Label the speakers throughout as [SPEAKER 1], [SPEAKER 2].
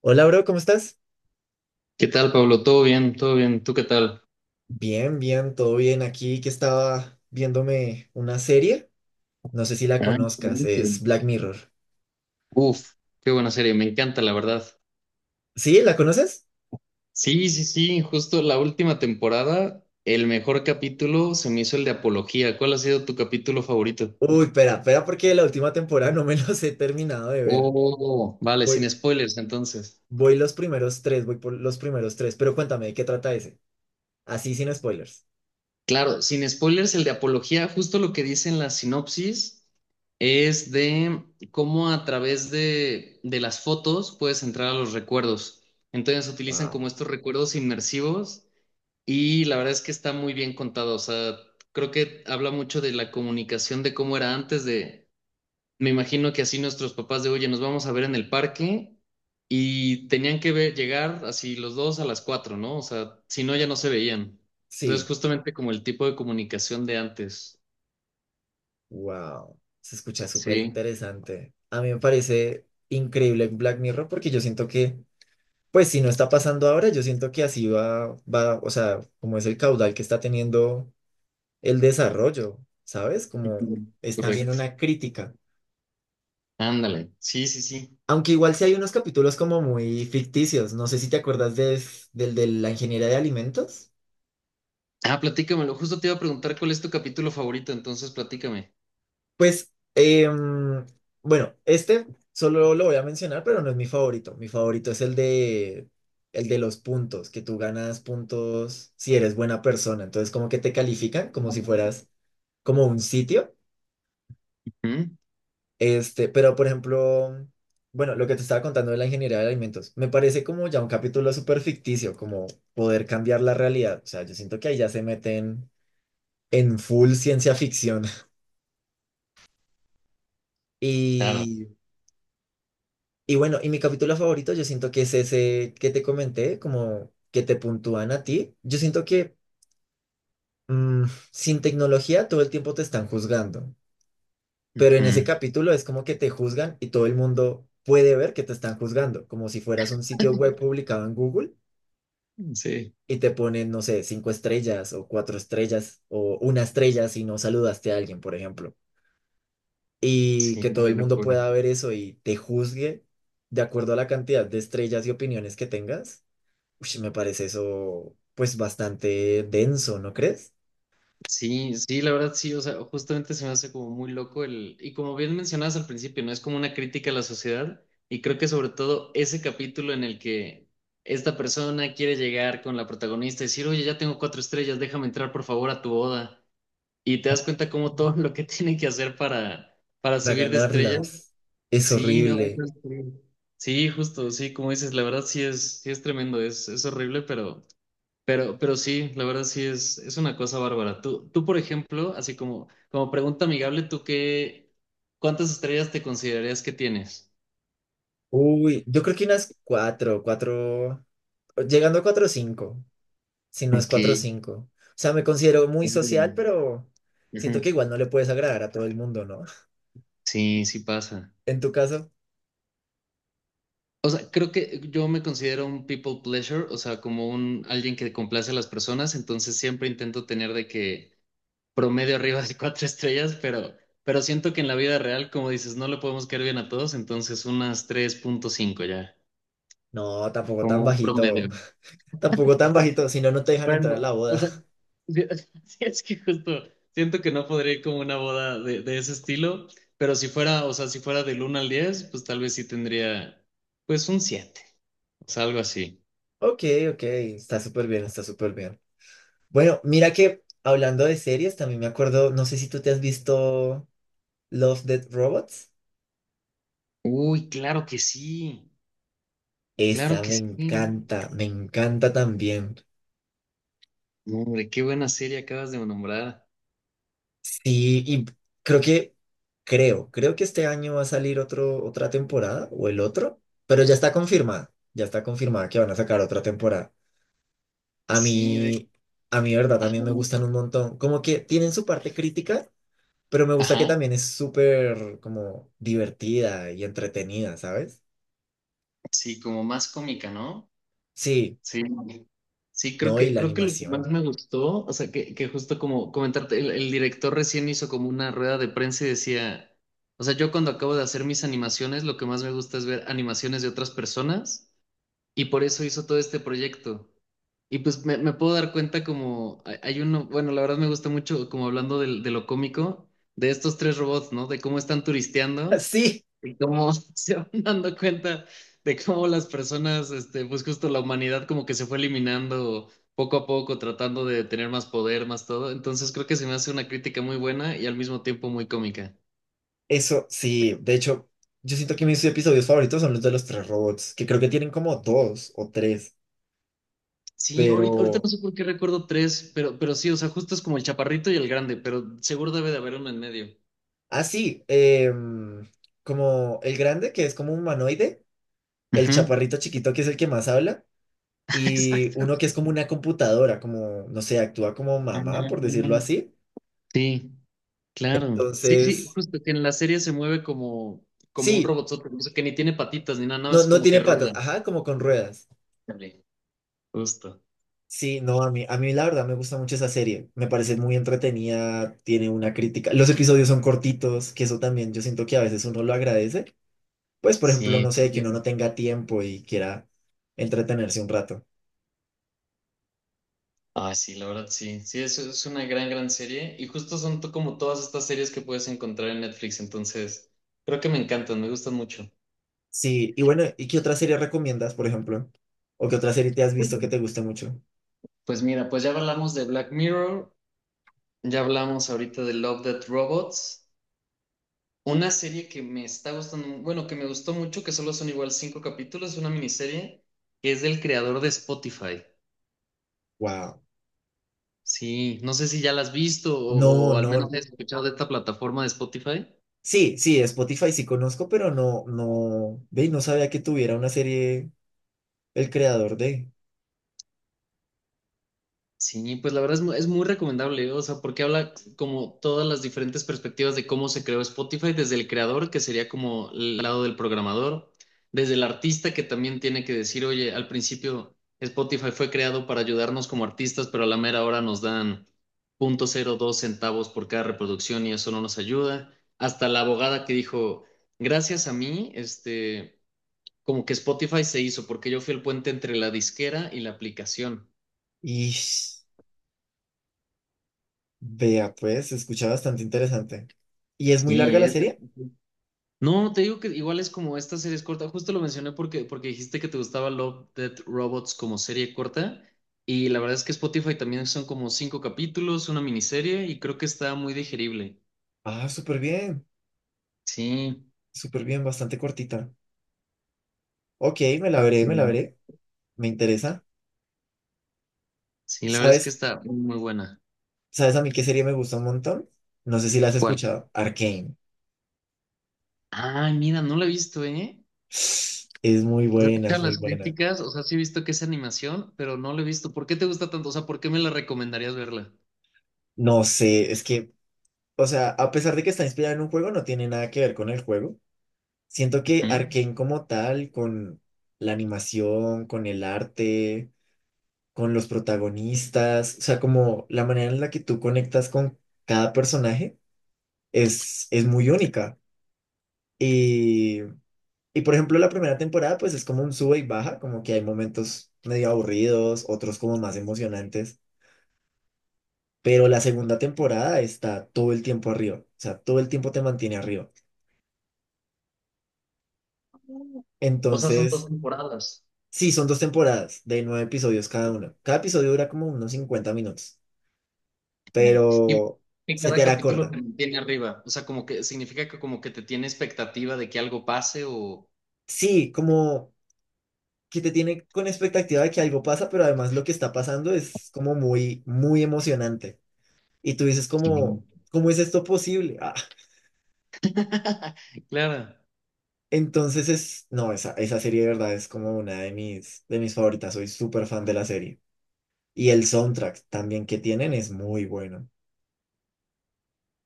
[SPEAKER 1] Hola, bro, ¿cómo estás?
[SPEAKER 2] ¿Qué tal, Pablo? ¿Todo bien? ¿Todo bien? ¿Tú qué tal?
[SPEAKER 1] Bien, bien, todo bien. Aquí que estaba viéndome una serie. No sé si la
[SPEAKER 2] Ah,
[SPEAKER 1] conozcas, es
[SPEAKER 2] excelente.
[SPEAKER 1] Black Mirror.
[SPEAKER 2] Uf, qué buena serie, me encanta, la verdad.
[SPEAKER 1] ¿Sí? ¿La conoces?
[SPEAKER 2] Sí, sí, sí, justo la última temporada, el mejor capítulo se me hizo el de Apología. ¿Cuál ha sido tu capítulo favorito?
[SPEAKER 1] Uy, espera, espera, porque la última temporada no me los he terminado de ver.
[SPEAKER 2] Oh, vale, sin
[SPEAKER 1] Voy,
[SPEAKER 2] spoilers entonces.
[SPEAKER 1] voy voy por los primeros tres. Pero cuéntame, ¿de qué trata ese? Así sin spoilers.
[SPEAKER 2] Claro, sin spoilers, el de Apología, justo lo que dice en la sinopsis es de cómo a través de las fotos puedes entrar a los recuerdos. Entonces utilizan
[SPEAKER 1] Wow.
[SPEAKER 2] como estos recuerdos inmersivos. Y la verdad es que está muy bien contado, o sea, creo que habla mucho de la comunicación, de cómo era antes de, me imagino que así nuestros papás de, oye, nos vamos a ver en el parque y tenían que ver, llegar así los dos a las 4, ¿no? O sea, si no, ya no se veían. Entonces,
[SPEAKER 1] Sí,
[SPEAKER 2] justamente como el tipo de comunicación de antes.
[SPEAKER 1] wow. Se escucha súper
[SPEAKER 2] Sí,
[SPEAKER 1] interesante. A mí me parece increíble Black Mirror porque yo siento que pues si no está pasando ahora, yo siento que así va, o sea, como es el caudal que está teniendo el desarrollo, ¿sabes? Como
[SPEAKER 2] ujú,
[SPEAKER 1] es también
[SPEAKER 2] correcto.
[SPEAKER 1] una crítica.
[SPEAKER 2] Ándale, sí, sí, sí.
[SPEAKER 1] Aunque igual sí hay unos capítulos como muy ficticios, no sé si te acuerdas de, del de la ingeniería de alimentos.
[SPEAKER 2] Ah, platícamelo, justo te iba a preguntar cuál es tu capítulo favorito, entonces platícame.
[SPEAKER 1] Pues, bueno, este solo lo voy a mencionar, pero no es mi favorito. Mi favorito es el de los puntos, que tú ganas puntos si eres buena persona. Entonces, como que te califican como si fueras como un sitio.
[SPEAKER 2] ¿Mm?
[SPEAKER 1] Este, pero por ejemplo, bueno, lo que te estaba contando de la ingeniería de alimentos, me parece como ya un capítulo súper ficticio, como poder cambiar la realidad. O sea, yo siento que ahí ya se meten en full ciencia ficción.
[SPEAKER 2] Claro.
[SPEAKER 1] Y, y bueno, y mi capítulo favorito, yo siento que es ese que te comenté, como que te puntúan a ti. Yo siento que mm, sin tecnología todo el tiempo te están juzgando, pero en ese
[SPEAKER 2] Ujú.
[SPEAKER 1] capítulo es como que te juzgan y todo el mundo puede ver que te están juzgando, como si fueras un sitio web publicado en Google
[SPEAKER 2] Sí,
[SPEAKER 1] y te ponen, no sé, cinco estrellas o cuatro estrellas o una estrella si no saludaste a alguien, por ejemplo. Y
[SPEAKER 2] sí,
[SPEAKER 1] que todo
[SPEAKER 2] qué
[SPEAKER 1] el mundo
[SPEAKER 2] locura.
[SPEAKER 1] pueda ver eso y te juzgue de acuerdo a la cantidad de estrellas y opiniones que tengas. Ush, me parece eso pues bastante denso, ¿no crees?
[SPEAKER 2] Sí, sí, la verdad sí, o sea, justamente se me hace como muy loco el, y como bien mencionabas al principio, ¿no? Es como una crítica a la sociedad y creo que sobre todo ese capítulo en el que esta persona quiere llegar con la protagonista y decir, oye, ya tengo cuatro estrellas, déjame entrar por favor a tu boda y te das cuenta como todo lo que tiene que hacer para
[SPEAKER 1] Para
[SPEAKER 2] subir de estrella.
[SPEAKER 1] ganarlas es
[SPEAKER 2] Sí, no,
[SPEAKER 1] horrible.
[SPEAKER 2] entonces, sí. Sí, justo, sí, como dices, la verdad sí es tremendo, es horrible, pero... Pero sí, la verdad sí es una cosa bárbara. Tú, por ejemplo, así como pregunta amigable, ¿tú qué, cuántas estrellas te considerarías que tienes?
[SPEAKER 1] Uy, yo creo que unas cuatro, cuatro, llegando a cuatro o cinco, si no es
[SPEAKER 2] Ok.
[SPEAKER 1] cuatro o cinco. O sea, me considero muy social,
[SPEAKER 2] Mm.
[SPEAKER 1] pero siento
[SPEAKER 2] Ujú.
[SPEAKER 1] que igual no le puedes agradar a todo el mundo, ¿no?
[SPEAKER 2] Sí, sí pasa.
[SPEAKER 1] En tu caso,
[SPEAKER 2] O sea, creo que yo me considero un people pleasure, o sea, como un alguien que complace a las personas, entonces siempre intento tener de que promedio arriba de cuatro estrellas, pero siento que en la vida real, como dices, no le podemos caer bien a todos, entonces unas 3,5 ya,
[SPEAKER 1] no, tampoco tan
[SPEAKER 2] como un
[SPEAKER 1] bajito,
[SPEAKER 2] promedio.
[SPEAKER 1] tampoco tan bajito, si no, no te dejan entrar a
[SPEAKER 2] Bueno,
[SPEAKER 1] la
[SPEAKER 2] o
[SPEAKER 1] boda.
[SPEAKER 2] sea, sí, sí, es que justo siento que no podría ir como a una boda de ese estilo, pero si fuera, o sea, si fuera del 1 al 10, pues tal vez sí tendría, pues un siete o sea, algo así.
[SPEAKER 1] Ok, ok, está súper bien, está súper bien. Bueno, mira que hablando de series, también me acuerdo, no sé si tú te has visto Love, Death Robots.
[SPEAKER 2] Uy, claro que sí, claro
[SPEAKER 1] Esa
[SPEAKER 2] que sí.
[SPEAKER 1] me encanta también.
[SPEAKER 2] No, hombre, qué buena serie acabas de nombrar.
[SPEAKER 1] Sí, y creo que, creo que este año va a salir otra temporada o el otro, pero ya está confirmada que van a sacar otra temporada. A
[SPEAKER 2] Sí, de...
[SPEAKER 1] mí, a mí, verdad, también
[SPEAKER 2] Ajá,
[SPEAKER 1] me gustan un montón. Como que tienen su parte crítica, pero me gusta que
[SPEAKER 2] ajá,
[SPEAKER 1] también es súper como divertida y entretenida, ¿sabes?
[SPEAKER 2] sí, como más cómica, ¿no?
[SPEAKER 1] Sí,
[SPEAKER 2] Sí, sí, creo
[SPEAKER 1] no, y
[SPEAKER 2] que,
[SPEAKER 1] la
[SPEAKER 2] creo que lo que más
[SPEAKER 1] animación.
[SPEAKER 2] me gustó, o sea, que justo como comentarte, el director recién hizo como una rueda de prensa y decía, o sea, yo cuando acabo de hacer mis animaciones, lo que más me gusta es ver animaciones de otras personas y por eso hizo todo este proyecto. Y pues me puedo dar cuenta como hay uno, bueno, la verdad me gusta mucho como hablando de, lo cómico, de estos tres robots, ¿no? De cómo están turisteando
[SPEAKER 1] Sí,
[SPEAKER 2] y cómo se van dando cuenta de cómo las personas, este, pues justo la humanidad como que se fue eliminando poco a poco, tratando de tener más poder, más todo. Entonces creo que se me hace una crítica muy buena y al mismo tiempo muy cómica.
[SPEAKER 1] eso, sí. De hecho, yo siento que mis episodios favoritos son los de los tres robots, que creo que tienen como dos o tres,
[SPEAKER 2] Sí, ahorita
[SPEAKER 1] pero...
[SPEAKER 2] no sé por qué recuerdo tres, pero sí, o sea, justo es como el chaparrito y el grande, pero seguro debe de haber uno en medio.
[SPEAKER 1] Ah, sí, como el grande, que es como un humanoide, el
[SPEAKER 2] Ujú.
[SPEAKER 1] chaparrito chiquito, que es el que más habla. Y
[SPEAKER 2] Exacto.
[SPEAKER 1] uno que es como una computadora, como, no sé, actúa como
[SPEAKER 2] Ah,
[SPEAKER 1] mamá, por decirlo así.
[SPEAKER 2] sí, claro. Sí, sí,
[SPEAKER 1] Entonces,
[SPEAKER 2] justo que en la serie se mueve como un
[SPEAKER 1] sí,
[SPEAKER 2] robotzote, incluso que ni tiene patitas ni nada, nada
[SPEAKER 1] no,
[SPEAKER 2] más
[SPEAKER 1] no
[SPEAKER 2] como que
[SPEAKER 1] tiene patas,
[SPEAKER 2] rueda.
[SPEAKER 1] ajá, como con ruedas.
[SPEAKER 2] Ándale, justo.
[SPEAKER 1] Sí, no, a mí la verdad me gusta mucho esa serie, me parece muy entretenida, tiene una crítica, los episodios son cortitos, que eso también yo siento que a veces uno lo agradece, pues por ejemplo,
[SPEAKER 2] Sí.
[SPEAKER 1] no sé, que uno no tenga tiempo y quiera entretenerse un rato.
[SPEAKER 2] Ah, sí, la verdad, sí. Sí, es una gran, gran serie. Y justo como todas estas series que puedes encontrar en Netflix. Entonces, creo que me encantan, me gustan mucho.
[SPEAKER 1] Sí, y bueno, ¿y qué otra serie recomiendas, por ejemplo? ¿O qué otra serie te has visto que te guste mucho?
[SPEAKER 2] Pues mira, pues ya hablamos de Black Mirror, ya hablamos ahorita de Love, Death Robots. Una serie que me está gustando, bueno, que me gustó mucho, que solo son igual cinco capítulos, una miniserie, que es del creador de Spotify.
[SPEAKER 1] Wow.
[SPEAKER 2] Sí, no sé si ya la has visto o,
[SPEAKER 1] No,
[SPEAKER 2] o al menos
[SPEAKER 1] no.
[SPEAKER 2] has escuchado de esta plataforma de Spotify.
[SPEAKER 1] Sí, sí, de Spotify sí conozco, pero no, no, ve, no sabía que tuviera una serie el creador de.
[SPEAKER 2] Sí, pues la verdad es muy, recomendable, ¿eh? O sea, porque habla como todas las diferentes perspectivas de cómo se creó Spotify, desde el creador, que sería como el lado del programador, desde el artista, que también tiene que decir, oye, al principio Spotify fue creado para ayudarnos como artistas, pero a la mera hora nos dan 0,02 centavos por cada reproducción y eso no nos ayuda, hasta la abogada que dijo, gracias a mí, este, como que Spotify se hizo, porque yo fui el puente entre la disquera y la aplicación.
[SPEAKER 1] Y vea, pues, se escucha bastante interesante. ¿Y es muy larga
[SPEAKER 2] Sí,
[SPEAKER 1] la
[SPEAKER 2] es-
[SPEAKER 1] serie?
[SPEAKER 2] No, te digo que igual es como esta serie es corta. Justo lo mencioné porque dijiste que te gustaba Love, Death, Robots como serie corta. Y la verdad es que Spotify también son como cinco capítulos, una miniserie, y creo que está muy digerible.
[SPEAKER 1] Ah,
[SPEAKER 2] Sí,
[SPEAKER 1] súper bien, bastante cortita. Ok, me la veré, me la veré, me interesa.
[SPEAKER 2] sí, la verdad es que
[SPEAKER 1] ¿Sabes,
[SPEAKER 2] está muy buena.
[SPEAKER 1] sabes a mí qué serie me gusta un montón? No sé si la has
[SPEAKER 2] ¿Cuál?
[SPEAKER 1] escuchado, Arcane.
[SPEAKER 2] Ah, mira, no la he visto, ¿eh?
[SPEAKER 1] Es muy
[SPEAKER 2] O sea,
[SPEAKER 1] buena,
[SPEAKER 2] escuchar
[SPEAKER 1] es muy
[SPEAKER 2] las
[SPEAKER 1] buena.
[SPEAKER 2] críticas, o sea, sí he visto que es animación, pero no la he visto. ¿Por qué te gusta tanto? O sea, ¿por qué me la recomendarías verla?
[SPEAKER 1] No sé, es que, o sea, a pesar de que está inspirada en un juego, no tiene nada que ver con el juego. Siento que
[SPEAKER 2] Ujú.
[SPEAKER 1] Arcane como tal, con la animación, con el arte, con los protagonistas, o sea, como la manera en la que tú conectas con cada personaje es muy única. Y, y por ejemplo, la primera temporada pues es como un sube y baja, como que hay momentos medio aburridos, otros como más emocionantes, pero la segunda temporada está todo el tiempo arriba, o sea, todo el tiempo te mantiene arriba.
[SPEAKER 2] O sea, son dos
[SPEAKER 1] Entonces...
[SPEAKER 2] temporadas.
[SPEAKER 1] sí, son dos temporadas de nueve episodios cada uno. Cada episodio dura como unos 50 minutos,
[SPEAKER 2] Nah. Y
[SPEAKER 1] pero
[SPEAKER 2] que
[SPEAKER 1] se te
[SPEAKER 2] cada
[SPEAKER 1] hará
[SPEAKER 2] capítulo
[SPEAKER 1] corta.
[SPEAKER 2] te mantiene arriba, o sea, como que significa que como que te tiene expectativa de que algo pase o...
[SPEAKER 1] Sí, como que te tiene con expectativa de que algo pasa, pero además lo que está pasando es como muy, muy emocionante. Y tú dices
[SPEAKER 2] Sí.
[SPEAKER 1] como, ¿cómo es esto posible? Ah,
[SPEAKER 2] Claro.
[SPEAKER 1] entonces es, no, esa esa serie de verdad es como una de mis favoritas. Soy súper fan de la serie. Y el soundtrack también que tienen es muy bueno.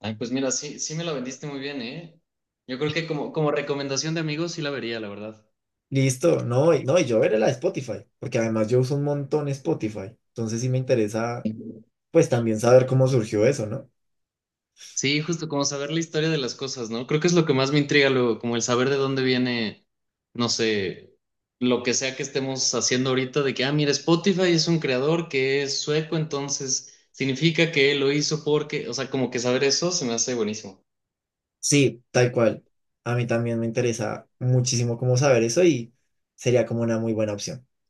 [SPEAKER 2] Ay, pues mira, sí, sí me la vendiste muy bien, ¿eh? Yo creo que como recomendación de amigos sí la vería, la verdad.
[SPEAKER 1] Listo, no, no, y yo veré la de Spotify, porque además yo uso un montón Spotify, entonces sí me interesa, pues también saber cómo surgió eso, ¿no?
[SPEAKER 2] Sí, justo como saber la historia de las cosas, ¿no? Creo que es lo que más me intriga luego, como el saber de dónde viene, no sé, lo que sea que estemos haciendo ahorita, de que, ah, mira, Spotify es un creador que es sueco, entonces significa que lo hizo porque, o sea, como que saber eso se me hace buenísimo.
[SPEAKER 1] Sí, tal cual, a mí también me interesa muchísimo cómo saber eso y sería como una muy buena opción.